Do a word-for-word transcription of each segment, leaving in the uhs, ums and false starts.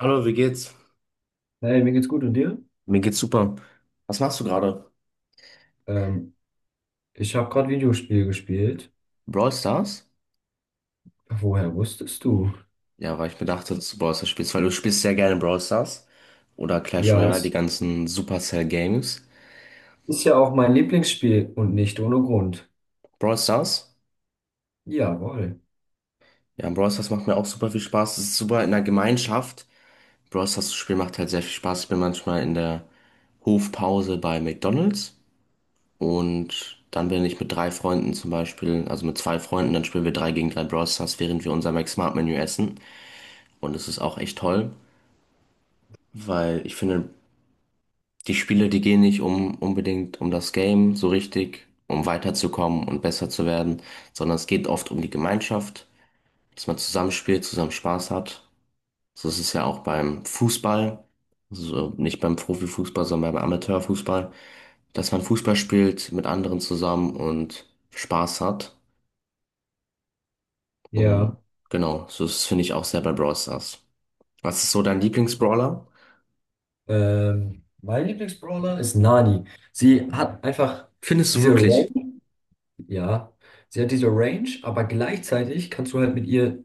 Hallo, wie geht's? Hey, mir geht's gut und dir? Mir geht's super. Was machst du gerade? Ähm, Ich habe gerade Videospiel gespielt. Brawl Stars? Woher wusstest du? Ja, weil ich mir dachte, dass du Brawl Stars spielst, weil du spielst sehr gerne Brawl Stars oder Clash Ja, Royale, die es ganzen Supercell Games. ist ja auch mein Lieblingsspiel und nicht ohne Grund. Brawl Stars? Jawohl. Ja, Brawl Stars macht mir auch super viel Spaß. Es ist super in der Gemeinschaft. Brawl Stars zu spielen macht halt sehr viel Spaß. Ich bin manchmal in der Hofpause bei McDonald's und dann bin ich mit drei Freunden zum Beispiel, also mit zwei Freunden, dann spielen wir drei gegen drei Brawl Stars, während wir unser Max Smart Menü essen. Und es ist auch echt toll. weil ich finde, die Spiele, die gehen nicht um unbedingt um das Game so richtig, um weiterzukommen und besser zu werden, sondern es geht oft um die Gemeinschaft, dass man zusammenspielt, zusammen Spaß hat. So ist es ja auch beim Fußball, also nicht beim Profifußball, sondern beim Amateurfußball, dass man Fußball spielt mit anderen zusammen und Spaß hat. Ja, Und genau, so ist es, finde ich, auch sehr bei Brawl Stars. Was ist so dein Lieblingsbrawler? ähm, mein Lieblingsbrawler ist Nani. Sie hat einfach Findest du diese wirklich? Range, ja, sie hat diese Range, aber gleichzeitig kannst du halt mit ihr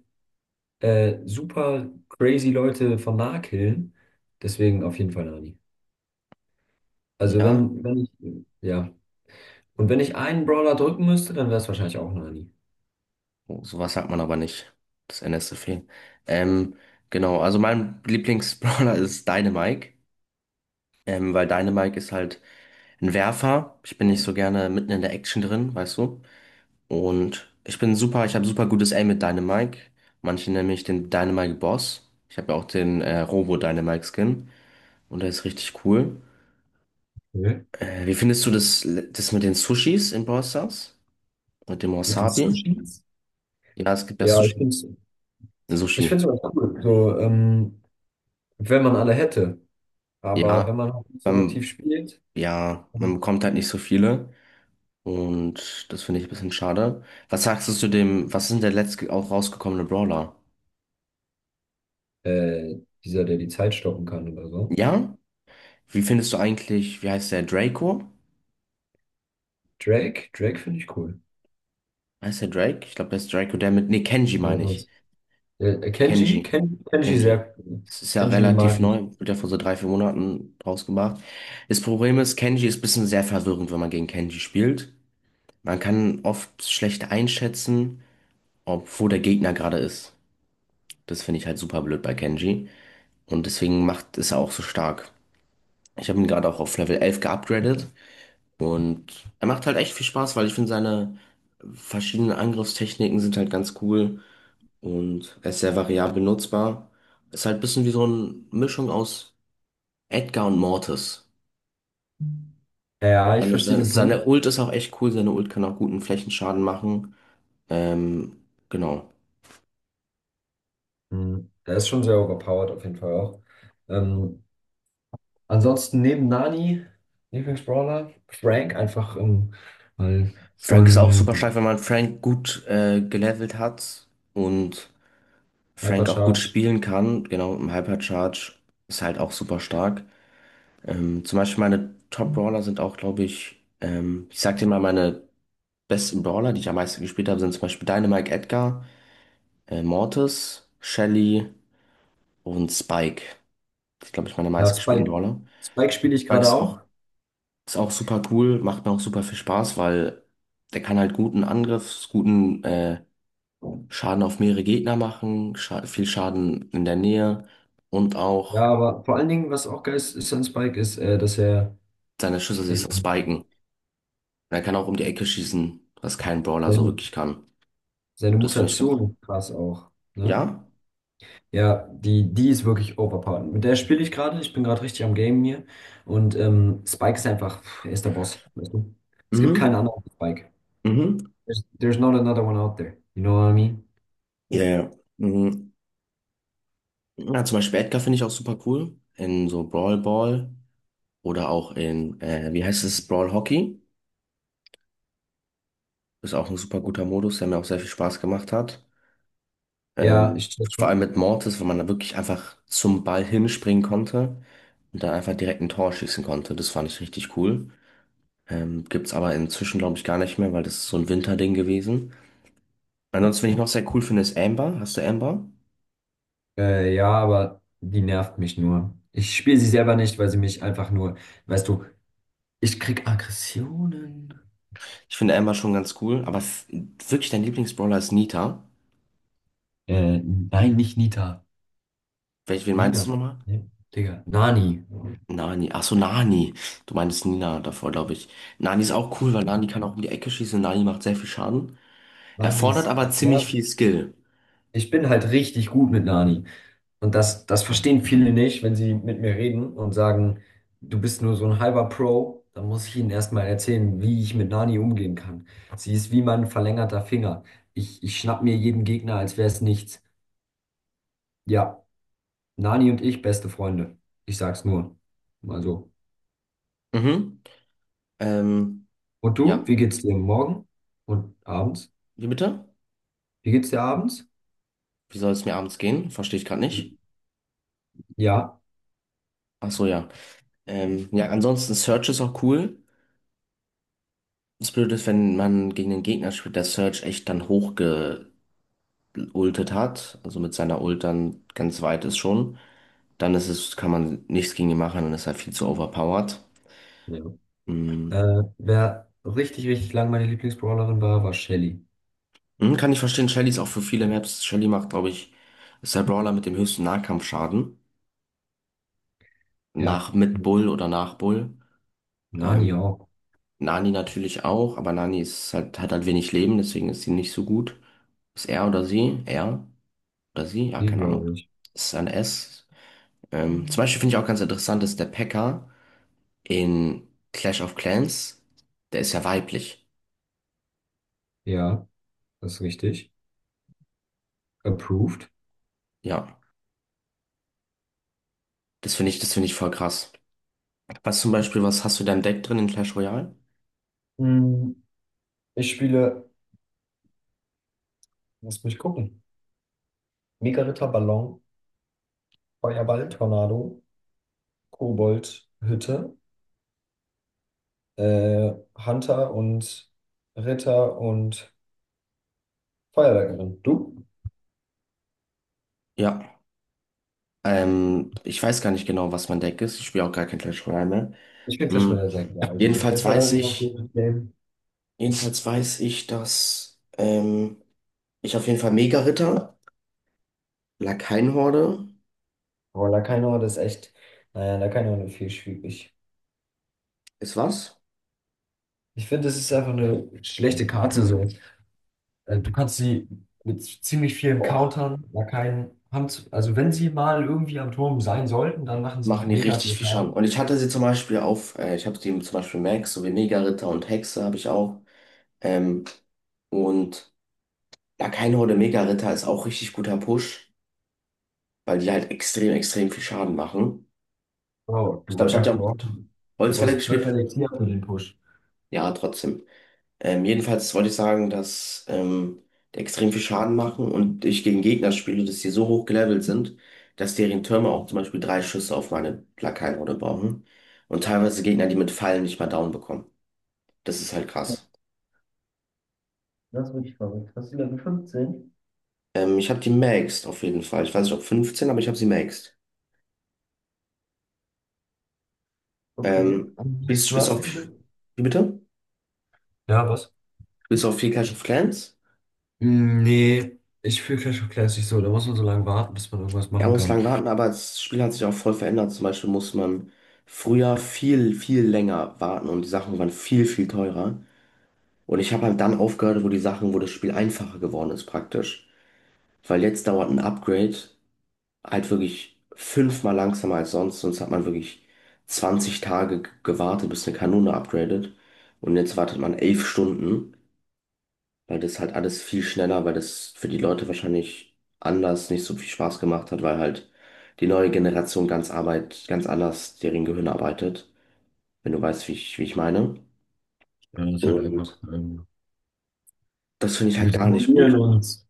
äh, super crazy Leute von nah killen. Deswegen auf jeden Fall Nani. Also Ja, wenn, wenn ich, ja. Und wenn ich einen Brawler drücken müsste, dann wäre es wahrscheinlich auch Nani. Oh, sowas hat man aber nicht. Das N S N S F E. Ähm, genau, also mein Lieblingsbrawler ist Dynamike. Ähm, weil Dynamike ist halt ein Werfer. Ich bin nicht so gerne mitten in der Action drin, weißt du? Und ich bin super, ich habe super gutes Aim mit Dynamike. Manche nennen mich den Dynamike Boss. Ich habe ja auch den äh, Robo Dynamike Skin. Und der ist richtig cool. Okay. Äh, wie findest du das, das mit den Sushis in Brawl Stars? Mit dem Mit den Wasabi? Sushis? Ja, es gibt ja Ja, ich Sushi. finde es ich find's Sushi. immer cool, so, ähm, wenn man alle hätte. Aber Ja. wenn man halt nicht so aktiv Beim, spielt, ja, man bekommt halt nicht so viele. Und das finde ich ein bisschen schade. Was sagst du zu dem, was ist denn der letzte auch rausgekommene Brawler? äh, dieser, der die Zeit stoppen kann oder so. Ja? Wie findest du eigentlich, wie heißt der, Draco? Drake, Drake finde ich cool. Heißt der Drake? Ich glaube, der ist Draco, der mit, nee, Kenji Ja, meine ich. das. Äh, Kenji, Kenji. Ken, Kenji Kenji. sehr, cool. Das ist ja Kenji relativ mag ich. neu, wird ja vor so drei, vier Monaten rausgebracht. Das Problem ist, Kenji ist ein bisschen sehr verwirrend, wenn man gegen Kenji spielt. Man kann oft schlecht einschätzen, ob, wo der Gegner gerade ist. Das finde ich halt super blöd bei Kenji. Und deswegen macht es auch so stark. Ich habe ihn gerade auch auf Level elf geupgradet und er macht halt echt viel Spaß, weil ich finde, seine verschiedenen Angriffstechniken sind halt ganz cool und er ist sehr variabel nutzbar. Ist halt ein bisschen wie so eine Mischung aus Edgar und Mortis. Ja, ja, ich Seine, verstehe seine, den Punkt. seine Ult ist auch echt cool, seine Ult kann auch guten Flächenschaden machen. Ähm, genau. Mhm. Der ist schon sehr overpowered auf jeden Fall auch. Ähm, Ansonsten neben Nani, Lieblingsbrawler, Frank einfach ähm, weil Frank ist auch Frank. super stark, wenn man Frank gut äh, gelevelt hat und Frank auch gut Hypercharge. spielen kann, genau, im Hypercharge ist halt auch super stark. Ähm, zum Beispiel meine Top-Brawler sind auch, glaube ich, ähm, ich sag dir mal, meine besten Brawler, die ich am meisten gespielt habe, sind zum Beispiel Dynamite Edgar, äh, Mortis, Shelly und Spike. Das sind, glaube ich, meine Ja, meistgespielten Spike. Brawler. Spike spiele ich Spike gerade ist auch, auch. ist auch super cool, macht mir auch super viel Spaß, weil der kann halt guten Angriff, guten äh, Schaden auf mehrere Gegner machen, scha viel Schaden in der Nähe und Ja, auch aber vor allen Dingen, was auch geil ist, ist an Spike, ist, äh, dass er seine Schüsse äh, sich so spiken. Er kann auch um die Ecke schießen, was kein Brawler so seine, wirklich kann. seine Das finde ich ganz. Mutation krass auch. Ne? Ja? Ja, die, die ist wirklich overpowered. Mit der spiele ich gerade. Ich bin gerade richtig am Game hier. Und ähm, Spike ist einfach, pff, er ist der Boss. Weißt du? Es gibt keinen Mhm. anderen als Spike. Mhm. There's, there's not another one out there. You know what I mean? Ja, ja. Mhm. Ja, zum Beispiel Edgar finde ich auch super cool. In so Brawl Ball oder auch in, äh, wie heißt es, Brawl Hockey. Ist auch ein super guter Modus, der mir auch sehr viel Spaß gemacht hat. Ja, Ähm, ich check vor allem schon. mit Mortis, wo man da wirklich einfach zum Ball hinspringen konnte und dann einfach direkt ein Tor schießen konnte. Das fand ich richtig cool. Ähm, gibt's aber inzwischen, glaube ich, gar nicht mehr, weil das ist so ein Winterding gewesen. Ansonsten, wen ich noch sehr cool finde, ist Amber. Hast du Amber? Äh, ja, aber die nervt mich nur. Ich spiele sie selber nicht, weil sie mich einfach nur, weißt du, ich krieg Aggressionen. Ich finde Amber schon ganz cool, aber f- wirklich dein Lieblingsbrawler ist Nita. Äh, nein, nicht Nita. Welch, wen meinst Nina. du nochmal? Ne? Digga. Nani. Nani. Achso, Nani. Du meinst Nina davor, glaube ich. Nani ist auch cool, weil Nani kann auch um die Ecke schießen. Nani macht sehr viel Schaden. Nani Erfordert ist, aber ziemlich ja, viel Skill. ich bin halt richtig gut mit Nani. Und das, das verstehen viele nicht, wenn sie mit mir reden und sagen, du bist nur so ein halber Pro. Dann muss ich ihnen erstmal erzählen, wie ich mit Nani umgehen kann. Sie ist wie mein verlängerter Finger. Ich, ich schnapp mir jeden Gegner, als wäre es nichts. Ja, Nani und ich beste Freunde. Ich sag's nur. Mal so. Mhm. Ähm, Und du, ja. wie geht's dir morgen und abends? Wie bitte? Wie geht's dir abends? Wie soll es mir abends gehen? Verstehe ich gerade nicht. Ja. Ach so, ja. Ähm, ja, ansonsten Search ist auch cool. Das Blöde ist, wenn man gegen den Gegner spielt, der Surge echt dann hochgeultet hat, also mit seiner Ult dann ganz weit ist schon, dann ist es, kann man nichts gegen ihn machen, dann ist er viel zu overpowered. Ja. Mhm. Äh, wer richtig, richtig lang meine Lieblingsbrawlerin war, war Shelly. Mhm, kann ich verstehen, Shelly ist auch für viele Maps. Shelly macht, glaube ich, ist der Brawler mit dem höchsten Nahkampfschaden. Ja. Nach mit Bull oder nach Bull. Nani Ähm, auch. Nani natürlich auch, aber Nani ist halt, hat halt wenig Leben, deswegen ist sie nicht so gut. Ist er oder sie? Er oder sie? Ja, Die keine glaube Ahnung. ich. Ist ein S. Ähm, zum Beispiel finde ich auch ganz interessant, dass der Pekka in Clash of Clans, der ist ja weiblich. Ja, das ist richtig. Approved. Ja, das finde ich, das finde ich voll krass. Was zum Beispiel, was hast du dein Deck drin in Clash Royale? Hm, ich spiele, lass mich gucken. Mega Ritter Ballon, Feuerball, Tornado, Kobold, Hütte. äh, Hunter und Ritter und Feuerwerkerin. Du? Ja, ähm, ich weiß gar nicht genau, was mein Deck ist. Ich spiele auch gar kein Clash Royale mehr. Ich finde Clash Hm. Royale sehr geil. Also Clash Jedenfalls Royale ist weiß immer noch ein ich, gutes Game. jedenfalls weiß ich, dass ähm, ich auf jeden Fall Mega-Ritter, Lakaienhorde, Aber Lacaino, das ist echt, naja, Lacaino ist viel schwierig. ist was? Ich finde, das ist einfach eine schlechte Karte so. Äh, Du kannst sie mit ziemlich vielen Oh, Countern, Lakaien haben, zu- also wenn sie mal irgendwie am Turm sein sollten, dann machen sie machen die mega richtig viel viel Schaden. Und Schaden. ich hatte sie zum Beispiel auf, äh, ich habe die zum Beispiel Max, sowie Mega-Ritter und Hexe habe ich auch. Ähm, und ja, kein Horde Mega-Ritter ist auch richtig guter Push, weil die halt extrem, extrem viel Schaden machen. Oh, Ich glaube, du ich hatte ja darfst nur. mit Du Holzfäller brauchst zwölf gespielt. Elixier für den Push. Ja, trotzdem. Ähm, jedenfalls wollte ich sagen, dass ähm, die extrem viel Schaden machen und ich gegen Gegner spiele, dass die so hoch gelevelt sind, dass deren Türme auch zum Beispiel drei Schüsse auf meine Plakatroute brauchen. Und teilweise Gegner, die mit Fallen nicht mal down bekommen. Das ist halt krass. Das ist wirklich verrückt. Hast du Level fünfzehn? Ähm, ich habe die maxed auf jeden Fall. Ich weiß nicht, ob fünfzehn, aber ich habe sie maxed. Okay. Ähm, Und spielst, du spielst du hast auf. eine. Wie bitte? Ja, was? Spielst du auf viel Clash of Clans? Mm, nee, ich fühle Clash of Clans nicht so. Da muss man so lange warten, bis man irgendwas Ja, machen muss kann. lang warten, aber das Spiel hat sich auch voll verändert. Zum Beispiel muss man früher viel, viel länger warten und die Sachen waren viel, viel teurer. Und ich habe halt dann aufgehört, wo die Sachen, wo das Spiel einfacher geworden ist, praktisch. Weil jetzt dauert ein Upgrade halt wirklich fünfmal langsamer als sonst. Sonst hat man wirklich zwanzig Tage g- gewartet, bis eine Kanone upgradet. Und jetzt wartet man elf Stunden, weil das halt alles viel schneller, weil das für die Leute wahrscheinlich anders nicht so viel Spaß gemacht hat, weil halt die neue Generation ganz Arbeit, ganz anders deren Gehirn arbeitet, wenn du weißt, wie ich, wie ich meine. Ja, das ist halt einfach. Und Ähm, das finde ich halt Wir gar nicht simulieren gut. uns.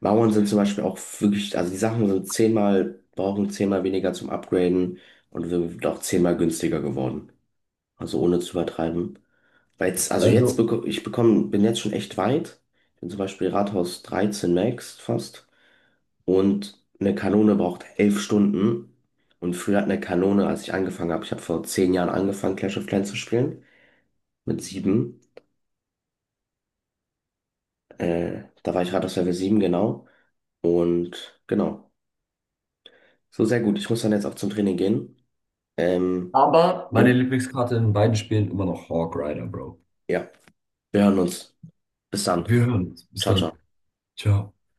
Mauern sind zum Beispiel auch wirklich, also die Sachen sind zehnmal, brauchen zehnmal weniger zum Upgraden und sind auch zehnmal günstiger geworden. Also ohne zu übertreiben. Weil jetzt, also jetzt Also, bekomme ich bekomme, bin jetzt schon echt weit. Ich bin zum Beispiel Rathaus dreizehn Max fast. Und eine Kanone braucht elf Stunden. Und früher hat eine Kanone, als ich angefangen habe, ich habe vor zehn Jahren angefangen, Clash of Clans zu spielen. Mit sieben. Äh, da war ich Rathaus Level sieben genau. Und genau. So sehr gut. Ich muss dann jetzt auch zum Training gehen. Ähm, aber meine wir, Lieblingskarte in beiden Spielen immer noch Hawk Rider, Bro. ja, wir hören uns. Bis Wir dann. hören uns. Bis Ciao, dann. ciao. Ciao.